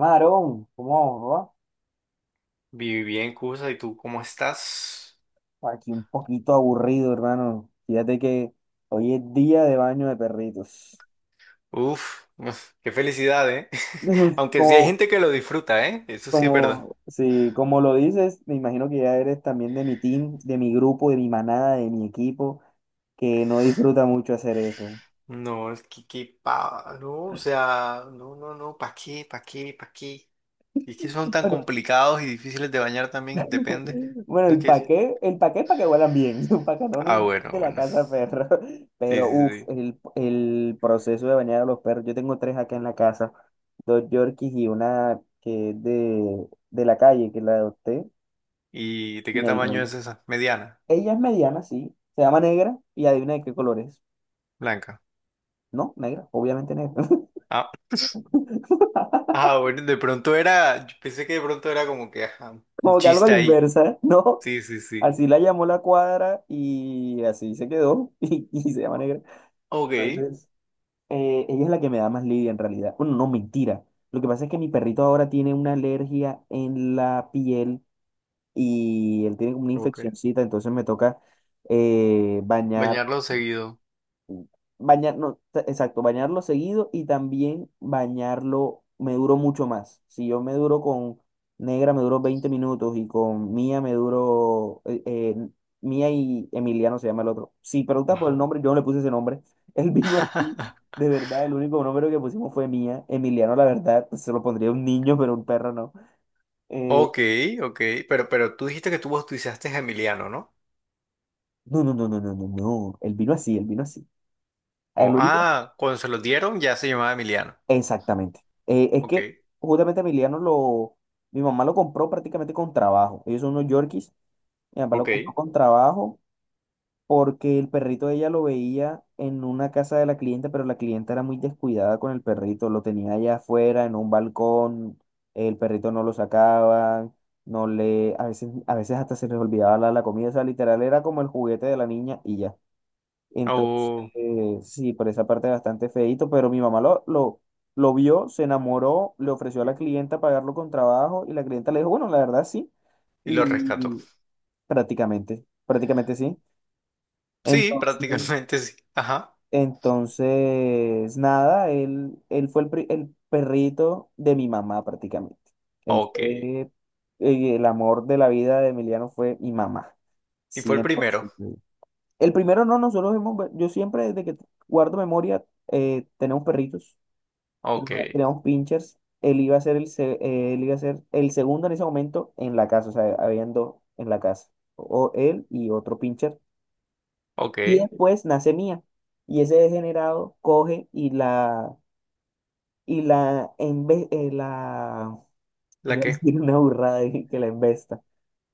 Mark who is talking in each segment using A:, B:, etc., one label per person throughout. A: Marón, ¿cómo va,
B: Viví bien, Cusa, ¿y tú cómo estás?
A: papá? Aquí un poquito aburrido, hermano. Fíjate que hoy es día de baño de perritos.
B: Uf, uf, qué felicidad, ¿eh? Aunque sí hay
A: Como,
B: gente que lo disfruta, ¿eh? Eso sí es verdad.
A: sí, como lo dices, me imagino que ya eres también de mi team, de mi grupo, de mi manada, de mi equipo, que no disfruta mucho hacer eso.
B: No, es que pa, no, o sea, no, no, no, ¿para qué, para qué, para qué? Y es que son tan
A: Bueno,
B: complicados y difíciles de bañar también, depende.
A: Bueno,
B: ¿No es
A: el
B: que es?
A: paqué, el paqué es para que huelan bien, para que no
B: Ah,
A: ni
B: bueno,
A: de la
B: bueno.
A: casa perro.
B: Sí,
A: Pero
B: sí,
A: uff,
B: sí.
A: el proceso de bañar a los perros. Yo tengo tres acá en la casa, dos Yorkies y una que es de la calle, que la adopté,
B: ¿Y de qué tamaño
A: inevitable.
B: es esa? Mediana,
A: Ella es mediana, sí, se llama Negra y adivina de qué color es.
B: blanca.
A: No, negra, obviamente negra.
B: Ah, ah, bueno, de pronto era, yo pensé que de pronto era como que, ajá, un
A: Como que algo a
B: chiste
A: la
B: ahí.
A: inversa, ¿no?
B: Sí, sí, sí.
A: Así la llamó la cuadra y así se quedó y se llama Negra.
B: Ok,
A: Entonces, ella es la que me da más lidia en realidad. Bueno, no, mentira. Lo que pasa es que mi perrito ahora tiene una alergia en la piel y él tiene como una
B: ok.
A: infeccioncita, entonces me toca eh, bañar
B: Bañarlo seguido.
A: bañarlo, exacto, bañarlo seguido y también bañarlo, me duró mucho más. Si yo me duro con Negra, me duró 20 minutos y con Mía me duró, Mía y Emiliano se llama el otro. Si preguntas por el
B: Ajá.
A: nombre, yo no le puse ese nombre. Él vino así, de verdad, el único nombre que pusimos fue Mía. Emiliano, la verdad, pues, se lo pondría a un niño, pero un perro no. Eh,
B: Ok, ok, pero tú dijiste que tú bautizaste a Emiliano, ¿no?
A: no, no, no, no, no, no, no. Él vino así, él vino así. El
B: Como,
A: único
B: ah, cuando se lo dieron ya se llamaba Emiliano.
A: Exactamente. Es
B: Ok,
A: que justamente mi mamá lo compró prácticamente con trabajo. Ellos son unos Yorkies. Mi papá lo
B: ok.
A: compró con trabajo porque el perrito ella lo veía en una casa de la clienta, pero la clienta era muy descuidada con el perrito. Lo tenía allá afuera, en un balcón. El perrito no lo sacaba, no le, a veces hasta se les olvidaba la comida. O sea, literal era como el juguete de la niña y ya. Entonces,
B: Oh,
A: sí, por esa parte bastante feíto, pero mi mamá lo vio, se enamoró, le ofreció a
B: y,
A: la clienta pagarlo con trabajo y la clienta le dijo, bueno, la verdad sí,
B: y lo rescató.
A: y prácticamente, prácticamente sí.
B: Sí,
A: Entonces,
B: prácticamente sí. Ajá.
A: entonces, nada, él fue el perrito de mi mamá prácticamente. Él
B: Ok.
A: fue, el amor de la vida de Emiliano fue mi mamá,
B: Y fue el primero.
A: 100%. El primero no, nosotros hemos, yo siempre desde que guardo memoria, tenemos perritos,
B: Ok,
A: tenemos pinchers, él iba a ser el segundo en ese momento en la casa, o sea, habían dos en la casa, o él y otro pincher, y
B: ok.
A: después nace Mía, y ese degenerado coge y la, embe- eh, la,
B: ¿La
A: iba a
B: qué?
A: decir una burrada dije que la embesta,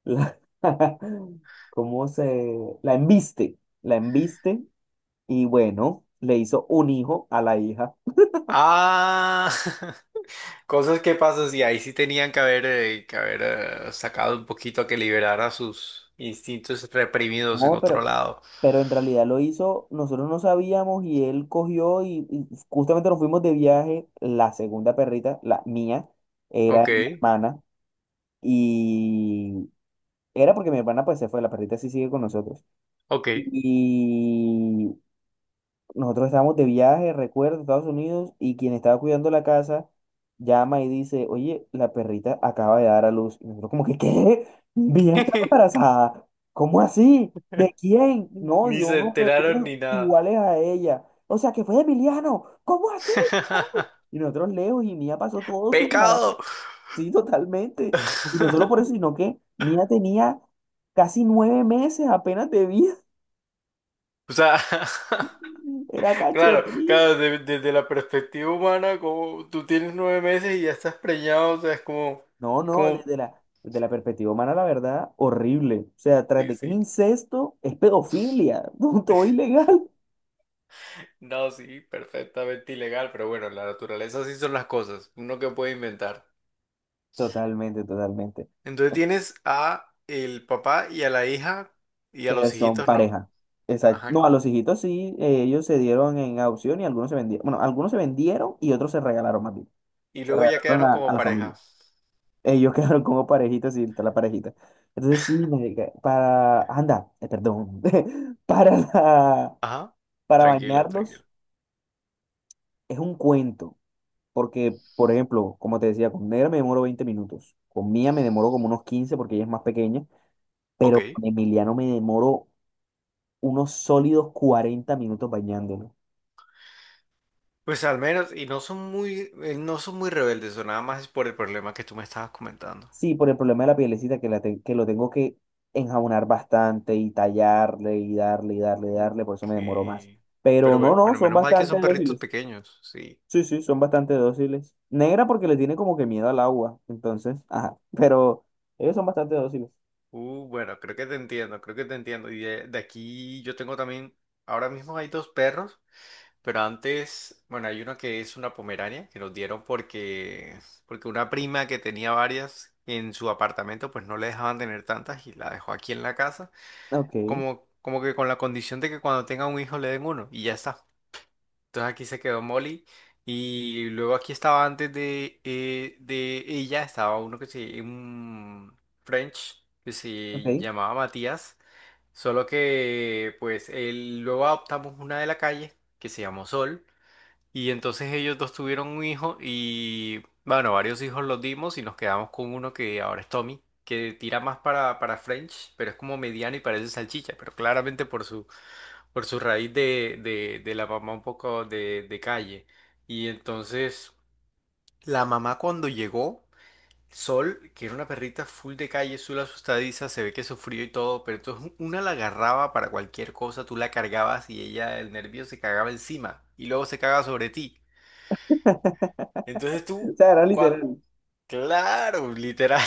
A: la, la embiste. Y bueno, le hizo un hijo a la hija.
B: Ah, cosas que pasan, sí, ahí sí tenían que haber sacado un poquito a que liberara sus instintos reprimidos en
A: No,
B: otro
A: pero,
B: lado.
A: pero en realidad lo hizo, nosotros no sabíamos y él cogió y justamente nos fuimos de viaje, la segunda perrita, la mía, era de
B: Ok,
A: mi hermana y era porque mi hermana pues se fue, la perrita sí sigue con nosotros.
B: ok.
A: Y nosotros estábamos de viaje, recuerdo, en Estados Unidos, y quien estaba cuidando la casa llama y dice, oye, la perrita acaba de dar a luz. Y nosotros como que, ¿qué? Bien, está embarazada. ¿Cómo así? ¿De quién? No,
B: Ni
A: dio
B: se
A: unos
B: enteraron
A: perritos
B: ni nada.
A: iguales a ella. O sea, que fue de Emiliano. ¿Cómo así? Y nosotros lejos, y Mía pasó todo su embarazo.
B: ¡Pecado!
A: Sí, totalmente. Y no solo por eso, sino que Mía tenía casi 9 meses apenas de vida.
B: O sea,
A: Era
B: claro,
A: cachorrita.
B: claro, desde la perspectiva humana, como tú tienes 9 meses y ya estás preñado, o sea, es como,
A: No, no,
B: como,
A: desde la perspectiva humana, la verdad, horrible. O sea, tras
B: sí,
A: de que es
B: sí.
A: incesto, es pedofilia, punto ilegal.
B: No, sí, perfectamente ilegal, pero bueno, en la naturaleza así son las cosas, uno que puede inventar.
A: Totalmente, totalmente.
B: Entonces tienes a el papá y a la hija y a
A: Que
B: los
A: son
B: hijitos no.
A: pareja. Exacto. No,
B: Ajá.
A: a los hijitos sí, ellos se dieron en adopción y algunos se vendieron. Bueno, algunos se vendieron y otros se regalaron más bien.
B: Y
A: Se
B: luego ya
A: regalaron
B: quedaron
A: a
B: como
A: la familia.
B: pareja.
A: Ellos quedaron como parejitas y está la parejita. Entonces sí, marica, anda, perdón. Para la-
B: Ajá.
A: Para
B: Tranquilo,
A: bañarlos
B: tranquilo.
A: es un cuento. Porque, por ejemplo, como te decía, con Negra me demoro 20 minutos, con Mía me demoro como unos 15 porque ella es más pequeña,
B: Ok.
A: pero con Emiliano me demoro unos sólidos 40 minutos bañándolo.
B: Pues al menos, y no son muy, no son muy rebeldes, o nada más es por el problema que tú me estabas comentando.
A: Sí, por el problema de la pielecita que lo tengo que enjabonar bastante y tallarle y darle y darle y darle, por eso
B: Ok.
A: me demoro más. Pero
B: Pero
A: no, no,
B: bueno,
A: son
B: menos mal que
A: bastante
B: son perritos
A: dóciles.
B: pequeños, sí.
A: Sí, sí, son bastante dóciles. Negra porque le tiene como que miedo al agua, entonces, ajá, pero ellos son bastante dóciles.
B: Bueno, creo que te entiendo, creo que te entiendo. Y de aquí yo tengo también, ahora mismo hay dos perros, pero antes, bueno, hay uno que es una pomerania, que nos dieron porque, porque una prima que tenía varias en su apartamento, pues no le dejaban tener tantas y la dejó aquí en la casa.
A: Ok,
B: Como, como que con la condición de que cuando tenga un hijo le den uno y ya está. Entonces aquí se quedó Molly y luego aquí estaba antes de ella, estaba uno que se, un French que se
A: ok.
B: llamaba Matías, solo que pues él, luego adoptamos una de la calle que se llamó Sol y entonces ellos dos tuvieron un hijo y, bueno, varios hijos los dimos y nos quedamos con uno que ahora es Tommy, que tira más para French, pero es como mediano y parece salchicha, pero claramente por su raíz de la mamá un poco de calle. Y entonces la mamá cuando llegó, Sol, que era una perrita full de calle, azul asustadiza, se ve que sufrió y todo, pero entonces una la agarraba para cualquier cosa, tú la cargabas y ella, el nervio se cagaba encima y luego se caga sobre ti. Entonces
A: O
B: tú,
A: sea, era
B: cua-
A: literal.
B: claro, literal.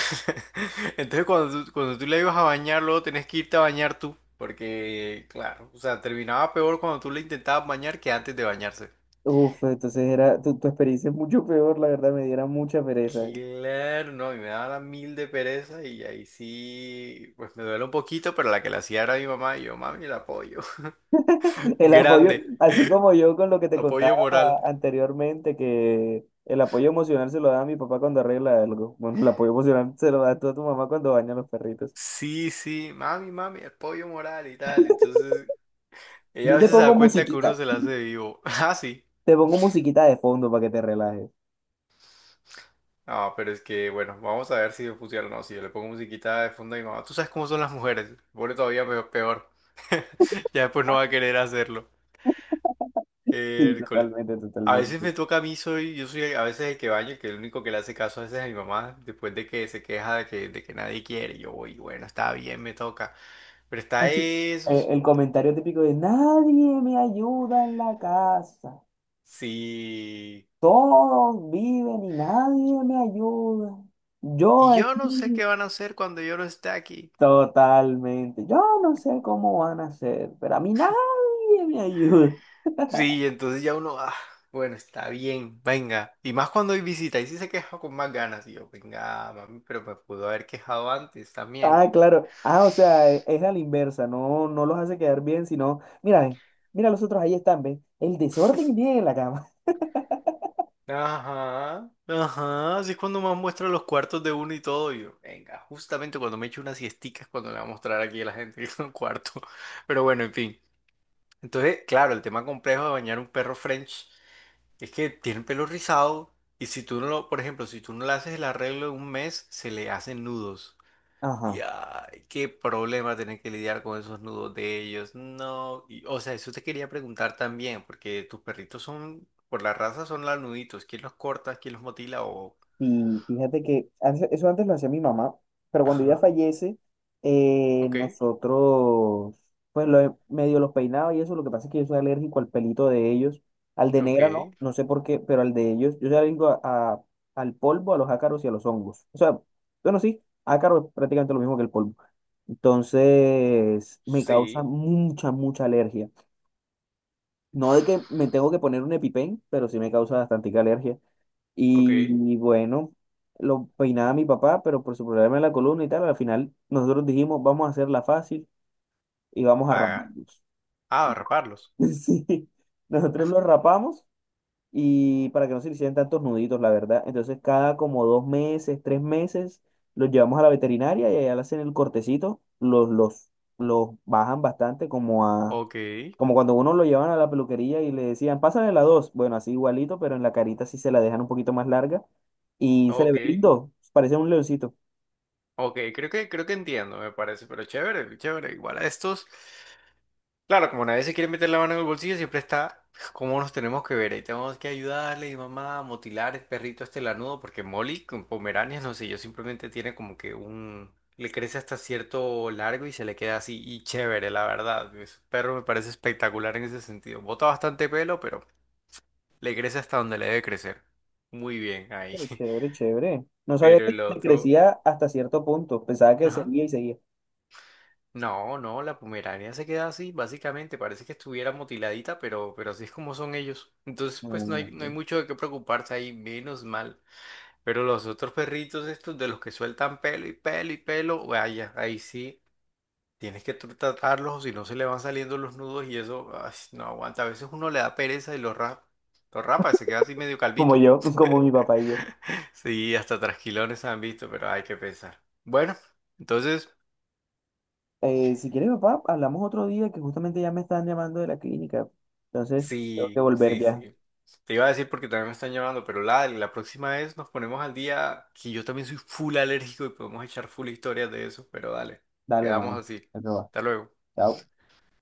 B: Entonces cuando tú le ibas a bañar, luego tenés que irte a bañar tú. Porque, claro, o sea, terminaba peor cuando tú le intentabas bañar que antes de bañarse.
A: Uf, entonces era, tu experiencia es mucho peor, la verdad, me diera mucha pereza.
B: Claro, no, y me daba la mil de pereza y ahí sí, pues me duele un poquito, pero la que la hacía era mi mamá y yo, mami, el apoyo.
A: El apoyo,
B: Grande,
A: así como yo con lo que te contaba
B: apoyo moral.
A: anteriormente, que el apoyo emocional se lo da a mi papá cuando arregla algo. Bueno, el apoyo emocional se lo da tú a tu mamá cuando baña a los perritos.
B: Sí, sí, mami, mami, apoyo moral y tal. Entonces, ella
A: Yo
B: a veces se da cuenta que uno se la hace vivo. Ah, sí.
A: te pongo musiquita de fondo para que te relajes.
B: Ah, pero es que, bueno, vamos a ver si funciona o no. Si yo le pongo musiquita de fondo a mi mamá, tú sabes cómo son las mujeres, se pone todavía peor. Ya después no va a querer hacerlo.
A: Sí,
B: Hércules.
A: totalmente,
B: A veces
A: totalmente.
B: me toca a mí, soy, yo soy a veces el que baño, el que el único que le hace caso a veces a mi mamá, después de que se queja de que nadie quiere. Yo voy, bueno, está bien, me toca. Pero está
A: Así,
B: eso,
A: el comentario típico de nadie me ayuda en la casa.
B: sí.
A: Todos viven y nadie me ayuda. Yo
B: Y yo no sé
A: aquí,
B: qué van a hacer cuando yo no esté aquí.
A: totalmente. Yo no sé cómo van a hacer, pero a mí nadie me ayuda.
B: Sí, entonces ya uno, ah, bueno, está bien, venga. Y más cuando hay visita, ahí sí se queja con más ganas. Y yo, venga, mami, pero me pudo haber quejado antes también.
A: Ah, claro. Ah, o sea, es a la inversa. No, no los hace quedar bien, sino, mira, ve, mira los otros ahí están, ¿ven? El desorden viene en la cama.
B: Ajá, ajá, así es cuando más muestra los cuartos de uno y todo. Y yo, venga, justamente cuando me echo unas siesticas, cuando le va a mostrar aquí a la gente que es un cuarto. Pero bueno, en fin. Entonces, claro, el tema complejo de bañar un perro French es que tiene el pelo rizado y si tú no lo, por ejemplo, si tú no le haces el arreglo en un mes, se le hacen nudos. Y
A: Ajá.
B: ay, qué problema tener que lidiar con esos nudos de ellos. No, y, o sea, eso te quería preguntar también, porque tus perritos son, por la raza son lanuditos. ¿Quién los corta? ¿Quién los motila? O...
A: Y fíjate que eso antes lo hacía mi mamá, pero cuando ella
B: Ajá,
A: fallece,
B: ok,
A: nosotros, pues medio los peinaba y eso, lo que pasa es que yo soy alérgico al pelito de ellos, al de
B: ok,
A: Negra no, no sé por qué, pero al de ellos, yo soy alérgico a- al polvo, a los ácaros y a los hongos. O sea, bueno, sí, ácaro es prácticamente lo mismo que el polvo. Entonces, me causa
B: sí,
A: mucha, mucha alergia. No de que me tengo que poner un EpiPen, pero sí me causa bastante alergia.
B: ok,
A: Y bueno, lo peinaba mi papá, pero por su problema de la columna y tal, al final nosotros dijimos, vamos a hacerla fácil y vamos a
B: pagar.
A: raparlos.
B: Ah, raparlos.
A: Sí, nosotros los rapamos y para que no se le hicieran tantos nuditos, la verdad. Entonces, cada como 2 meses, 3 meses, los llevamos a la veterinaria y allá le hacen el cortecito, los bajan bastante,
B: Ok,
A: como cuando uno lo llevan a la peluquería y le decían, pásale la dos. Bueno, así igualito, pero en la carita sí se la dejan un poquito más larga y se le
B: ok,
A: ve lindo. Parece un leoncito.
B: ok, creo que entiendo, me parece, pero chévere, chévere. Igual a estos. Claro, como nadie se quiere meter la mano en el bolsillo, siempre está pues, cómo nos tenemos que ver. Ahí tenemos que ayudarle y mamá a motilar el perrito este lanudo, porque Molly con Pomeranias, no sé, yo simplemente tiene como que un... Le crece hasta cierto largo y se le queda así y chévere, la verdad. Ese perro me parece espectacular en ese sentido. Bota bastante pelo, pero le crece hasta donde le debe crecer. Muy bien ahí.
A: Pero chévere, chévere. No sabía
B: Pero
A: que
B: el
A: le
B: otro...
A: crecía hasta cierto punto. Pensaba que
B: Ajá.
A: seguía y seguía.
B: No, no, la Pomerania se queda así, básicamente, parece que estuviera mutiladita, pero así es como son ellos. Entonces,
A: No, no,
B: pues no
A: no,
B: hay, no hay
A: no.
B: mucho de qué preocuparse ahí, menos mal. Pero los otros perritos estos de los que sueltan pelo y pelo y pelo, vaya, ahí sí tienes que tratarlos o si no se le van saliendo los nudos y eso, ay, no aguanta. A veces uno le da pereza y los rapa, se queda así medio
A: Como
B: calvito.
A: yo, como mi papá y yo.
B: Sí, hasta trasquilones han visto, pero hay que pensar. Bueno, entonces...
A: Si quieres, papá, hablamos otro día que justamente ya me están llamando de la clínica. Entonces, tengo que
B: Sí,
A: volver
B: sí,
A: ya.
B: sí. Te iba a decir porque también me están llamando, pero la próxima vez nos ponemos al día, que yo también soy full alérgico y podemos echar full historias de eso, pero dale,
A: Dale,
B: quedamos
A: hermano.
B: así.
A: Eso va.
B: Hasta luego.
A: Chao.